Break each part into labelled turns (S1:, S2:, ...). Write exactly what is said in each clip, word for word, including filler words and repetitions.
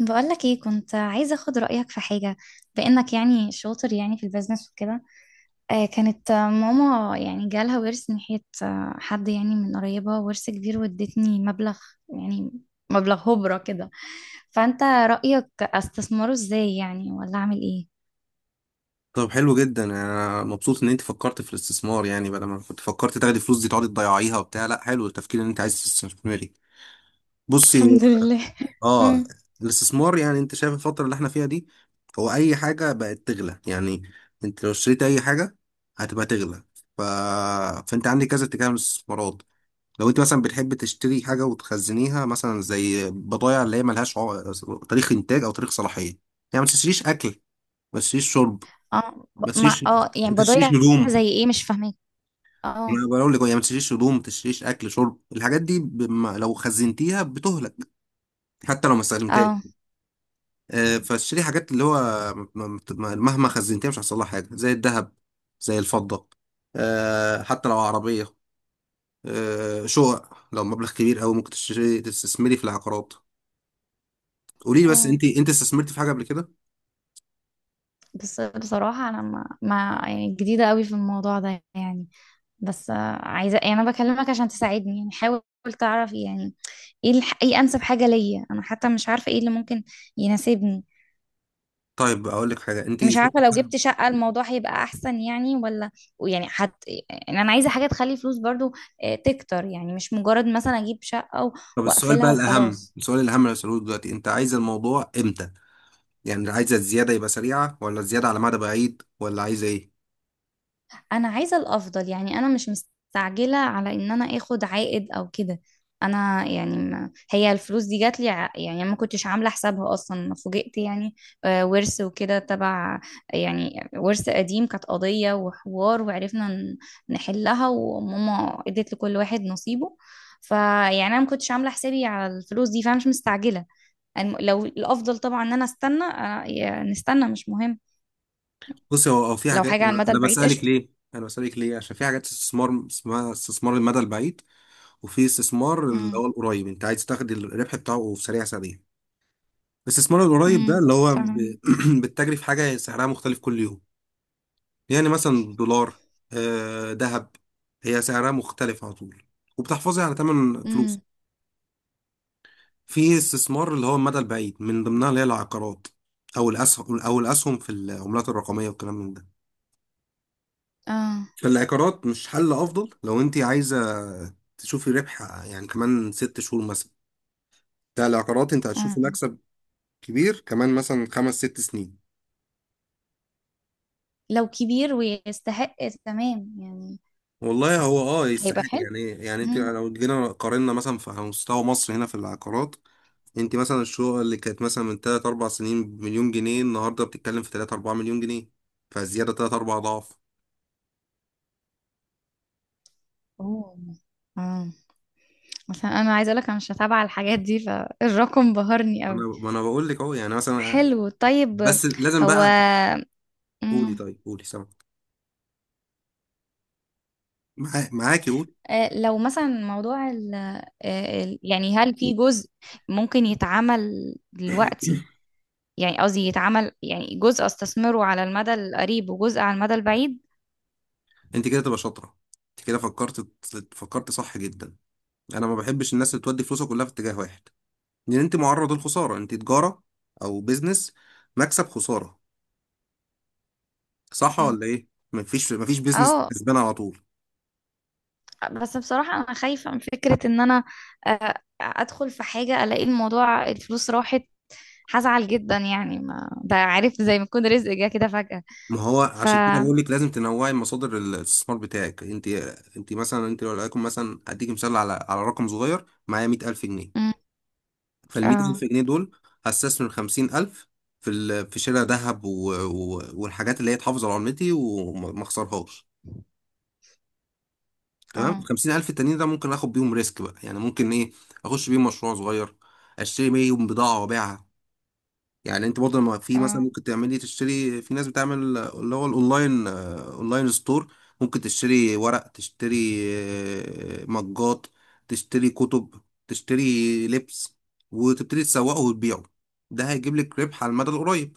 S1: بقولك ايه، كنت عايزة اخد رأيك في حاجة. بأنك يعني شاطر يعني في البيزنس وكده. آه كانت آه، ماما يعني جالها ورث من ناحية، آه، حد يعني من قريبة ورث كبير وادتني مبلغ. يعني مبلغ هبرة كده. فأنت رأيك استثمره ازاي يعني، ولا اعمل ايه؟
S2: طب حلو جدا، يعني انا مبسوط ان انت فكرت في الاستثمار. يعني بدل ما كنت فكرت تاخدي فلوس دي تقعدي تضيعيها وبتاع، لا، حلو التفكير ان انت عايز تستثمري. بصي.
S1: الحمد لله.
S2: اه
S1: امم
S2: الاستثمار، يعني انت شايف الفتره اللي احنا فيها دي، هو اي حاجه بقت تغلى يعني. انت لو اشتريت اي حاجه هتبقى تغلى. ف... فانت عندك كذا اتجاه من الاستثمارات. لو انت مثلا بتحب تشتري حاجه وتخزنيها، مثلا زي بضايع اللي هي ملهاش عو... تاريخ انتاج او تاريخ صلاحيه يعني. ما تشتريش اكل، ما تشتريش شرب،
S1: اه
S2: ما
S1: ب- مع
S2: تشتريش
S1: اه
S2: ما
S1: يعني
S2: تشتريش
S1: بضيع.
S2: هدوم.
S1: زي ايه؟ مش فاهمك. اه،
S2: انا بقول لك هي ما تشتريش هدوم، ما تشتريش اكل شرب. الحاجات دي بم... لو خزنتيها بتهلك حتى لو ما استخدمتهاش.
S1: اه،
S2: آه، فاشتري حاجات اللي هو م- م- مهما خزنتيها مش هيحصل لها حاجه، زي الذهب، زي الفضه، آه، حتى لو عربيه، آه، شقق. لو مبلغ كبير قوي ممكن تشتري تستثمري في العقارات. قولي لي بس،
S1: اه.
S2: انت انت استثمرتي في حاجه قبل كده؟
S1: بس بصراحة انا ما, ما يعني جديدة قوي في الموضوع ده يعني. بس آه، عايزة يعني، أنا بكلمك عشان تساعدني، يعني حاول تعرف يعني. ايه الح... ايه أنسب حاجة ليا؟ أنا حتى مش عارفة ايه اللي ممكن يناسبني.
S2: طيب اقول لك حاجه، انت
S1: مش
S2: شو...
S1: عارفة، لو جبت شقة الموضوع هيبقى أحسن يعني ولا؟ يعني حت... يعني أنا عايزة حاجة تخلي فلوس برضو، آه، تكتر يعني، مش مجرد مثلا أجيب شقة و-
S2: طب السؤال بقى
S1: وأقفلها
S2: الاهم،
S1: وخلاص.
S2: السؤال الاهم اللي هسألهولك دلوقتي، انت عايزه الموضوع امتى؟ يعني عايزة الزيادة يبقى سريعة، ولا الزيادة على مدى بعيد، ولا عايزة ايه؟
S1: انا عايزه الافضل يعني، انا مش مستعجله على ان انا اخد عائد او كده. انا يعني ما هي الفلوس دي جات لي، يعني ما كنتش عامله حسابها اصلا، أنا فوجئت يعني. آه، ورث وكده تبع، يعني ورث قديم، كانت قضيه وحوار وعرفنا ن- نحلها، وماما ادت لكل واحد نصيبه. فيعني انا ما كنتش عامله حسابي على الفلوس دي، فانا مش مستعجله. الم- لو الافضل طبعا ان انا استنى، آه، يا- نستنى مش مهم.
S2: بص. هو هو في
S1: لو
S2: حاجات.
S1: حاجه على
S2: انا
S1: المدى
S2: أنا
S1: البعيد
S2: بسألك
S1: قشطه.
S2: ليه؟ انا بسألك ليه؟ عشان في حاجات استثمار اسمها استثمار المدى البعيد، وفي استثمار اللي
S1: امم
S2: هو القريب انت عايز تاخد الربح بتاعه في سريع سريع. الاستثمار القريب ده
S1: امم
S2: اللي هو ب...
S1: فاهمة.
S2: بتجري في حاجة سعرها مختلف كل يوم، يعني مثلا دولار، آه، ذهب. هي سعرها مختلف على طول، وبتحفظي على ثمن فلوس.
S1: امم
S2: في استثمار اللي هو المدى البعيد، من ضمنها اللي هي العقارات، او الاسهم، او الاسهم في العملات الرقميه والكلام من ده.
S1: اه.
S2: فالعقارات مش حل افضل لو انت عايزه تشوفي ربح يعني كمان ست شهور مثلا، بتاع العقارات انت
S1: اه.
S2: هتشوفي مكسب كبير كمان مثلا خمس ست سنين.
S1: لو كبير ويستحق، تمام يعني.
S2: والله هو اه
S1: هيبقى
S2: يستحق
S1: حلو.
S2: يعني. يعني انت
S1: امم
S2: لو جينا قارنا مثلا في على مستوى مصر هنا في العقارات، انت مثلا الشقه اللي كانت مثلا من ثلاث اربع سنين بمليون جنيه، النهارده بتتكلم في ثلاثة اربعة مليون جنيه. فزياده تلات اربعة ضعف.
S1: اوه. اه. عشان انا عايزه اقول لك انا مش متابعه الحاجات دي، فالرقم بهرني
S2: انا
S1: قوي.
S2: ما انا بقول لك اهو يعني مثلا.
S1: حلو، طيب.
S2: بس لازم
S1: هو.
S2: بقى. قولي،
S1: امم
S2: طيب قولي، سامع، معاك، معاكي، قولي.
S1: آه، لو مثلا موضوع ال... آه، ال- يعني هل في جزء ممكن يتعمل دلوقتي؟ يعني قصدي يتعمل يعني جزء استثمره على المدى القريب وجزء على المدى البعيد.
S2: انت كده تبقى شاطره، انت كده فكرت، فكرت صح جدا. انا ما بحبش الناس اللي تودي فلوسها كلها في اتجاه واحد، لان انت معرض للخساره. انت تجاره او بيزنس، مكسب خساره، صح
S1: مم.
S2: ولا ايه؟ مفيش مفيش بيزنس
S1: اه.
S2: كسبان على طول.
S1: بس بصراحة أنا خايفة من فكرة إن أنا آه، أدخل في حاجة ألاقي الموضوع الفلوس راحت. هزعل جدا يعني، ما ده عارف زي ما يكون رزق جه كده فجأة.
S2: ما هو
S1: ف
S2: عشان كده بقول لك لازم تنوعي مصادر الاستثمار بتاعك انت. انت مثلا، انت لو لقيتكم مثلا، اديك مثال على على رقم صغير، معايا مية الف جنيه.
S1: مم.
S2: فال
S1: اه.
S2: مية الف جنيه دول هستثمر خمسين الف في ال... في شراء ذهب و... و... والحاجات اللي هي تحافظ على عملتي وما ما اخسرهاش. تمام. ال
S1: اه.
S2: خمسين الف التانيين ده ممكن اخد بيهم ريسك بقى. يعني ممكن ايه، اخش بيهم مشروع صغير، اشتري بيهم بضاعة وابيعها. يعني انت برضه لما في مثلا
S1: اه.
S2: ممكن تعملي تشتري في ناس بتعمل اللي هو الاونلاين، آه، اونلاين ستور. ممكن تشتري ورق، تشتري، آه، مجات، تشتري كتب، تشتري لبس، وتبتدي تسوقه وتبيعه. ده هيجيب لك ربح على المدى القريب.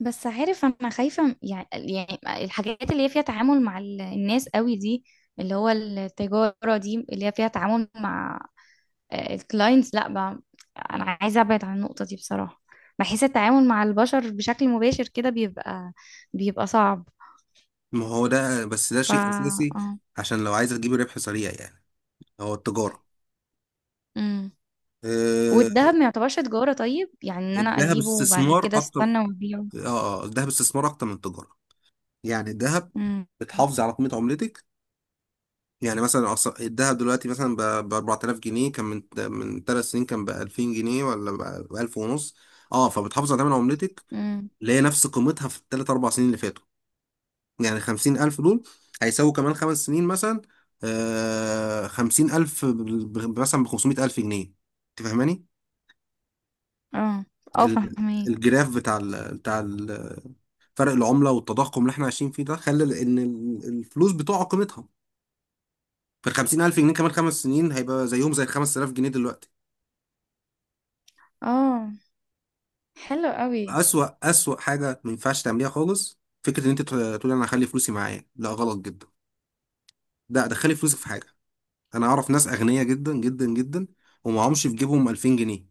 S1: بس عارف، أنا خايفة م- يعني، يعني الحاجات اللي هي فيها تعامل مع ال- الناس قوي دي، اللي هو التجارة دي اللي هي فيها تعامل مع الكلاينتس، لا بقى. أنا عايزة أبعد عن النقطة دي بصراحة. بحس التعامل مع البشر بشكل مباشر كده بيبقى، بيبقى صعب.
S2: ما هو ده بس، ده
S1: ف
S2: شيء اساسي.
S1: اه.
S2: عشان لو عايزه تجيبي ربح سريع يعني، هو التجاره.
S1: امم
S2: آه،
S1: والدهب ما يعتبرش تجارة طيب يعني؟ ان انا
S2: الذهب
S1: اجيبه وبعد
S2: استثمار
S1: كده
S2: اكتر.
S1: استنى وابيعه.
S2: اه آه، الذهب استثمار اكتر من التجاره. يعني الذهب
S1: امم
S2: بتحافظي على قيمه عملتك. يعني مثلا أص- الدهب دلوقتي مثلا ب اربعة الاف جنيه، كان من من ثلاث سنين كان ب الفين جنيه، ولا ب الف ونص. اه، فبتحافظ على تمن عملتك
S1: امم
S2: اللي هي نفس قيمتها في الثلاث اربع سنين اللي فاتوا. يعني خمسين الف دول هيساووا كمان خمس سنين مثلا، آه خمسين الف ب- ب- مثلا ب خمسمية الف جنيه. انت فاهماني؟
S1: اه. اه
S2: ال-
S1: فاهمك.
S2: الجراف بتاع ال بتاع ال فرق العملة والتضخم اللي احنا عايشين فيه ده خلى ان ال- الفلوس بتقع قيمتها. فال خمسين الف جنيه كمان خمس سنين هيبقى زيهم زي ال خمس تلاف جنيه دلوقتي.
S1: اه. حلو قوي.
S2: أسوأ أسوأ حاجة ما ينفعش تعمليها خالص فكرة إن أنت تقول تقول أنا هخلي فلوسي معايا. لا، غلط جدا. لا، دخلي فلوسك في حاجة. أنا أعرف ناس أغنياء جدا جدا جدا ومعهمش في جيبهم الفين جنيه.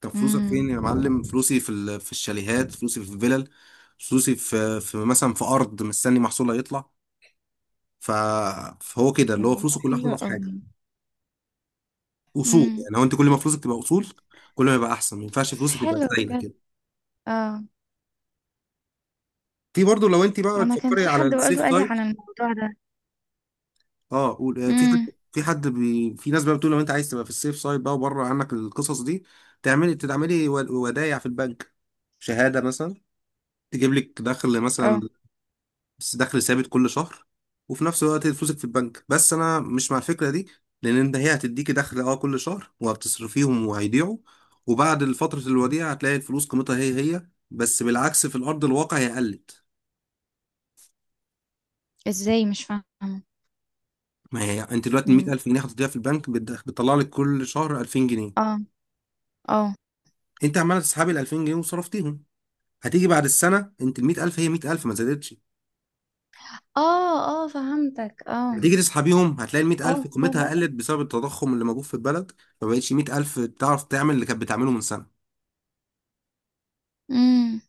S2: طب فلوسك
S1: امم
S2: فين يا معلم؟ فلوسي في ال- في الشاليهات، فلوسي في الفلل، فلوسي في في مثلا في أرض مستني محصولها يطلع. ف... فهو كده اللي هو
S1: الله،
S2: فلوسه كلها حاططها
S1: حلو
S2: في حاجة،
S1: قوي.
S2: أصول.
S1: امم
S2: يعني هو، أنت كل ما فلوسك تبقى أصول كل ما يبقى أحسن. ما ينفعش فلوسك تبقى
S1: حلو
S2: سايلة
S1: بجد.
S2: كده.
S1: اه.
S2: في برضه لو أنت بقى
S1: انا كان
S2: بتفكري
S1: في
S2: على
S1: حد
S2: السيف
S1: برضه قال لي
S2: سايد.
S1: على الموضوع ده.
S2: اه قول، آه، في حد،
S1: امم
S2: في حد بي... في ناس بقى بتقول لو انت عايز تبقى في السيف سايد بقى وبره عنك القصص دي، تعملي تتعملي ود- ودايع في البنك، شهادة مثلا، تجيب لك دخل مثلا،
S1: اه.
S2: بس دخل ثابت كل شهر، وفي نفس الوقت فلوسك في البنك. بس انا مش مع الفكرة دي، لان انت، هي هتديكي دخل اه كل شهر وهتصرفيهم وهيضيعوا. وبعد فترة الوديعة هتلاقي الفلوس قيمتها هي هي، بس بالعكس في الارض الواقع هي قلت.
S1: ازاي؟ مش فاهمه.
S2: ما هي انت دلوقتي
S1: امم
S2: مية الف جنيه هتديها في البنك بتدخ- بتطلع لك كل شهر الفين جنيه.
S1: اه. اه.
S2: انت عماله تسحبي ال الفين جنيه وصرفتيهم. هتيجي بعد السنه انت ال مية الف هي مية الف ما زادتش.
S1: اه. اه فهمتك. اه.
S2: هتيجي تسحبيهم هتلاقي ال مية الف
S1: اه،
S2: قيمتها
S1: تصدق.
S2: قلت بسبب التضخم اللي موجود في البلد. ما بقتش مية الف تعرف تعمل اللي كانت بتعمله من سنه.
S1: امم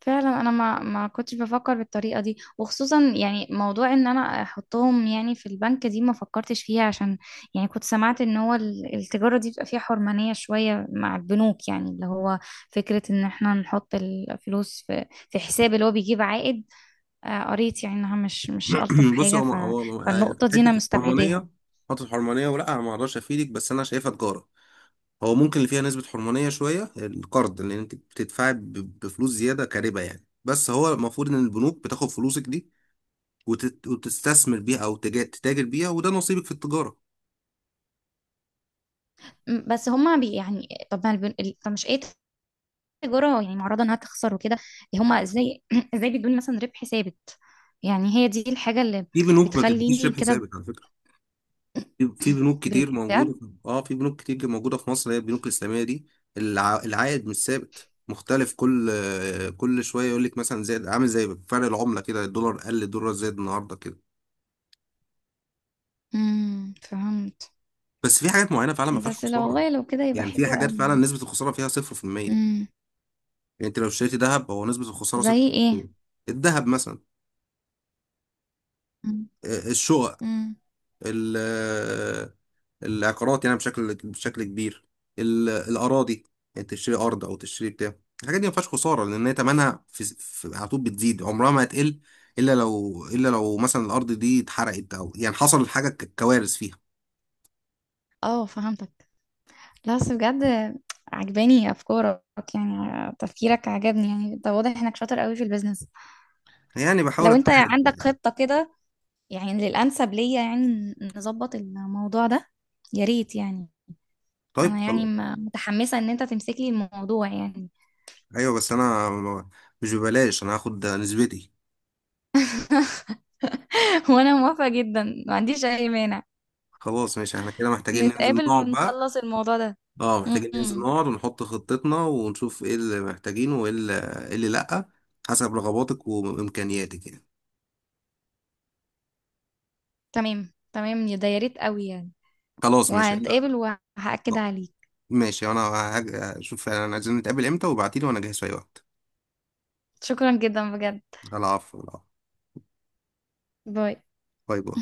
S1: فعلا انا ما ما كنتش بفكر بالطريقه دي، وخصوصا يعني موضوع ان انا احطهم يعني في البنك دي ما فكرتش فيها، عشان يعني كنت سمعت ان هو ال- التجاره دي بيبقى فيها حرمانيه شويه مع البنوك، يعني اللي هو فكره ان احنا نحط الفلوس في في حساب اللي هو بيجيب عائد. آه، قريت يعني انها مش مش الطف
S2: بص.
S1: حاجه،
S2: هو
S1: ف
S2: هو
S1: فالنقطه دي
S2: حته
S1: انا مستبعداها.
S2: الحرمانيه، حته الحرمانيه ولا انا ما اقدرش افيدك، بس انا شايفها تجاره. هو ممكن اللي فيها نسبه حرمانيه شويه القرض، لان انت بتدفعي ب- بفلوس زياده كربا يعني. بس هو المفروض ان البنوك بتاخد فلوسك دي وتت- وتستثمر بيها، او تجا- تتاجر بيها، وده نصيبك في التجاره.
S1: م، بس هما بي يعني، طب ما البن... ال- طب مش ايه؟ تجارة يعني معرضة انها تخسر وكده. إيه هما ازاي ازاي بيدوني مثلا ربح ثابت؟ يعني هي دي الحاجة اللي
S2: في بنوك ما بتديكيش
S1: بتخليني
S2: ربح
S1: كده.
S2: ثابت على فكره. في في بنوك كتير موجوده
S1: بجد؟
S2: في- اه في بنوك كتير موجوده في مصر، هي البنوك الاسلاميه دي. الع... العائد مش ثابت، مختلف كل آه، كل شويه، يقول لك مثلا زي عامل زي فرق العمله كده، الدولار قل، الدولار زاد النهارده كده.
S1: امم فهمت.
S2: بس في حاجات معينه فعلا ما فيهاش
S1: بس لو،
S2: خساره.
S1: والله لو كده يبقى
S2: يعني
S1: حلو
S2: في حاجات
S1: قوي.
S2: فعلا نسبه الخساره فيها صفر في المية.
S1: امم
S2: يعني انت لو اشتريتي ذهب هو نسبه الخساره
S1: زي ايه؟
S2: صفر في المية. الذهب مثلا،
S1: امم
S2: آه، الشقق،
S1: أمم.
S2: العقارات يعني بشكل بشكل كبير، ال- الأراضي. يعني تشتري أرض أو تشتري بتاع. الحاجات دي ما فيهاش خسارة لأن هي تمنها في, في على طول بتزيد، عمرها ما هتقل. إلا لو إلا لو مثلا الأرض دي اتحرقت أو يعني حصل حاجة ك- كوارث فيها.
S1: اه فهمتك. لا بس بجد، عجباني افكارك، يعني تفكيرك عجبني يعني، ده واضح انك شاطر قوي في البيزنس.
S2: يعني بحاول
S1: لو انت
S2: أجتهد
S1: عندك
S2: يعني.
S1: خطة كده يعني للانسب ليا، يعني نظبط الموضوع ده، يا ريت يعني. انا
S2: طيب
S1: يعني
S2: خلاص.
S1: م- متحمسة ان انت تمسك لي الموضوع يعني.
S2: أيوه بس أنا م- مش ببلاش، أنا هاخد نسبتي.
S1: وانا موافقة جدا، ما عنديش اي مانع.
S2: خلاص ماشي، احنا كده محتاجين ننزل
S1: نتقابل
S2: نقعد بقى.
S1: ونخلص الموضوع ده.
S2: اه محتاجين ننزل
S1: امم
S2: نقعد ونحط خطتنا ونشوف ايه اللي محتاجينه وايه اللي، إيه اللي لأ، حسب رغباتك وإمكانياتك يعني.
S1: تمام، تمام يا ده، يا ريت قوي يعني.
S2: خلاص ماشي. أنا-
S1: وهنتقابل وهأكد
S2: آه،
S1: عليك.
S2: ماشي انا. هج- اشوف انا عايزين نتقابل امتى وابعتيلي وانا جاهز في اي وقت.
S1: شكرا جدا بجد.
S2: العفو العفو.
S1: باي.
S2: باي باي.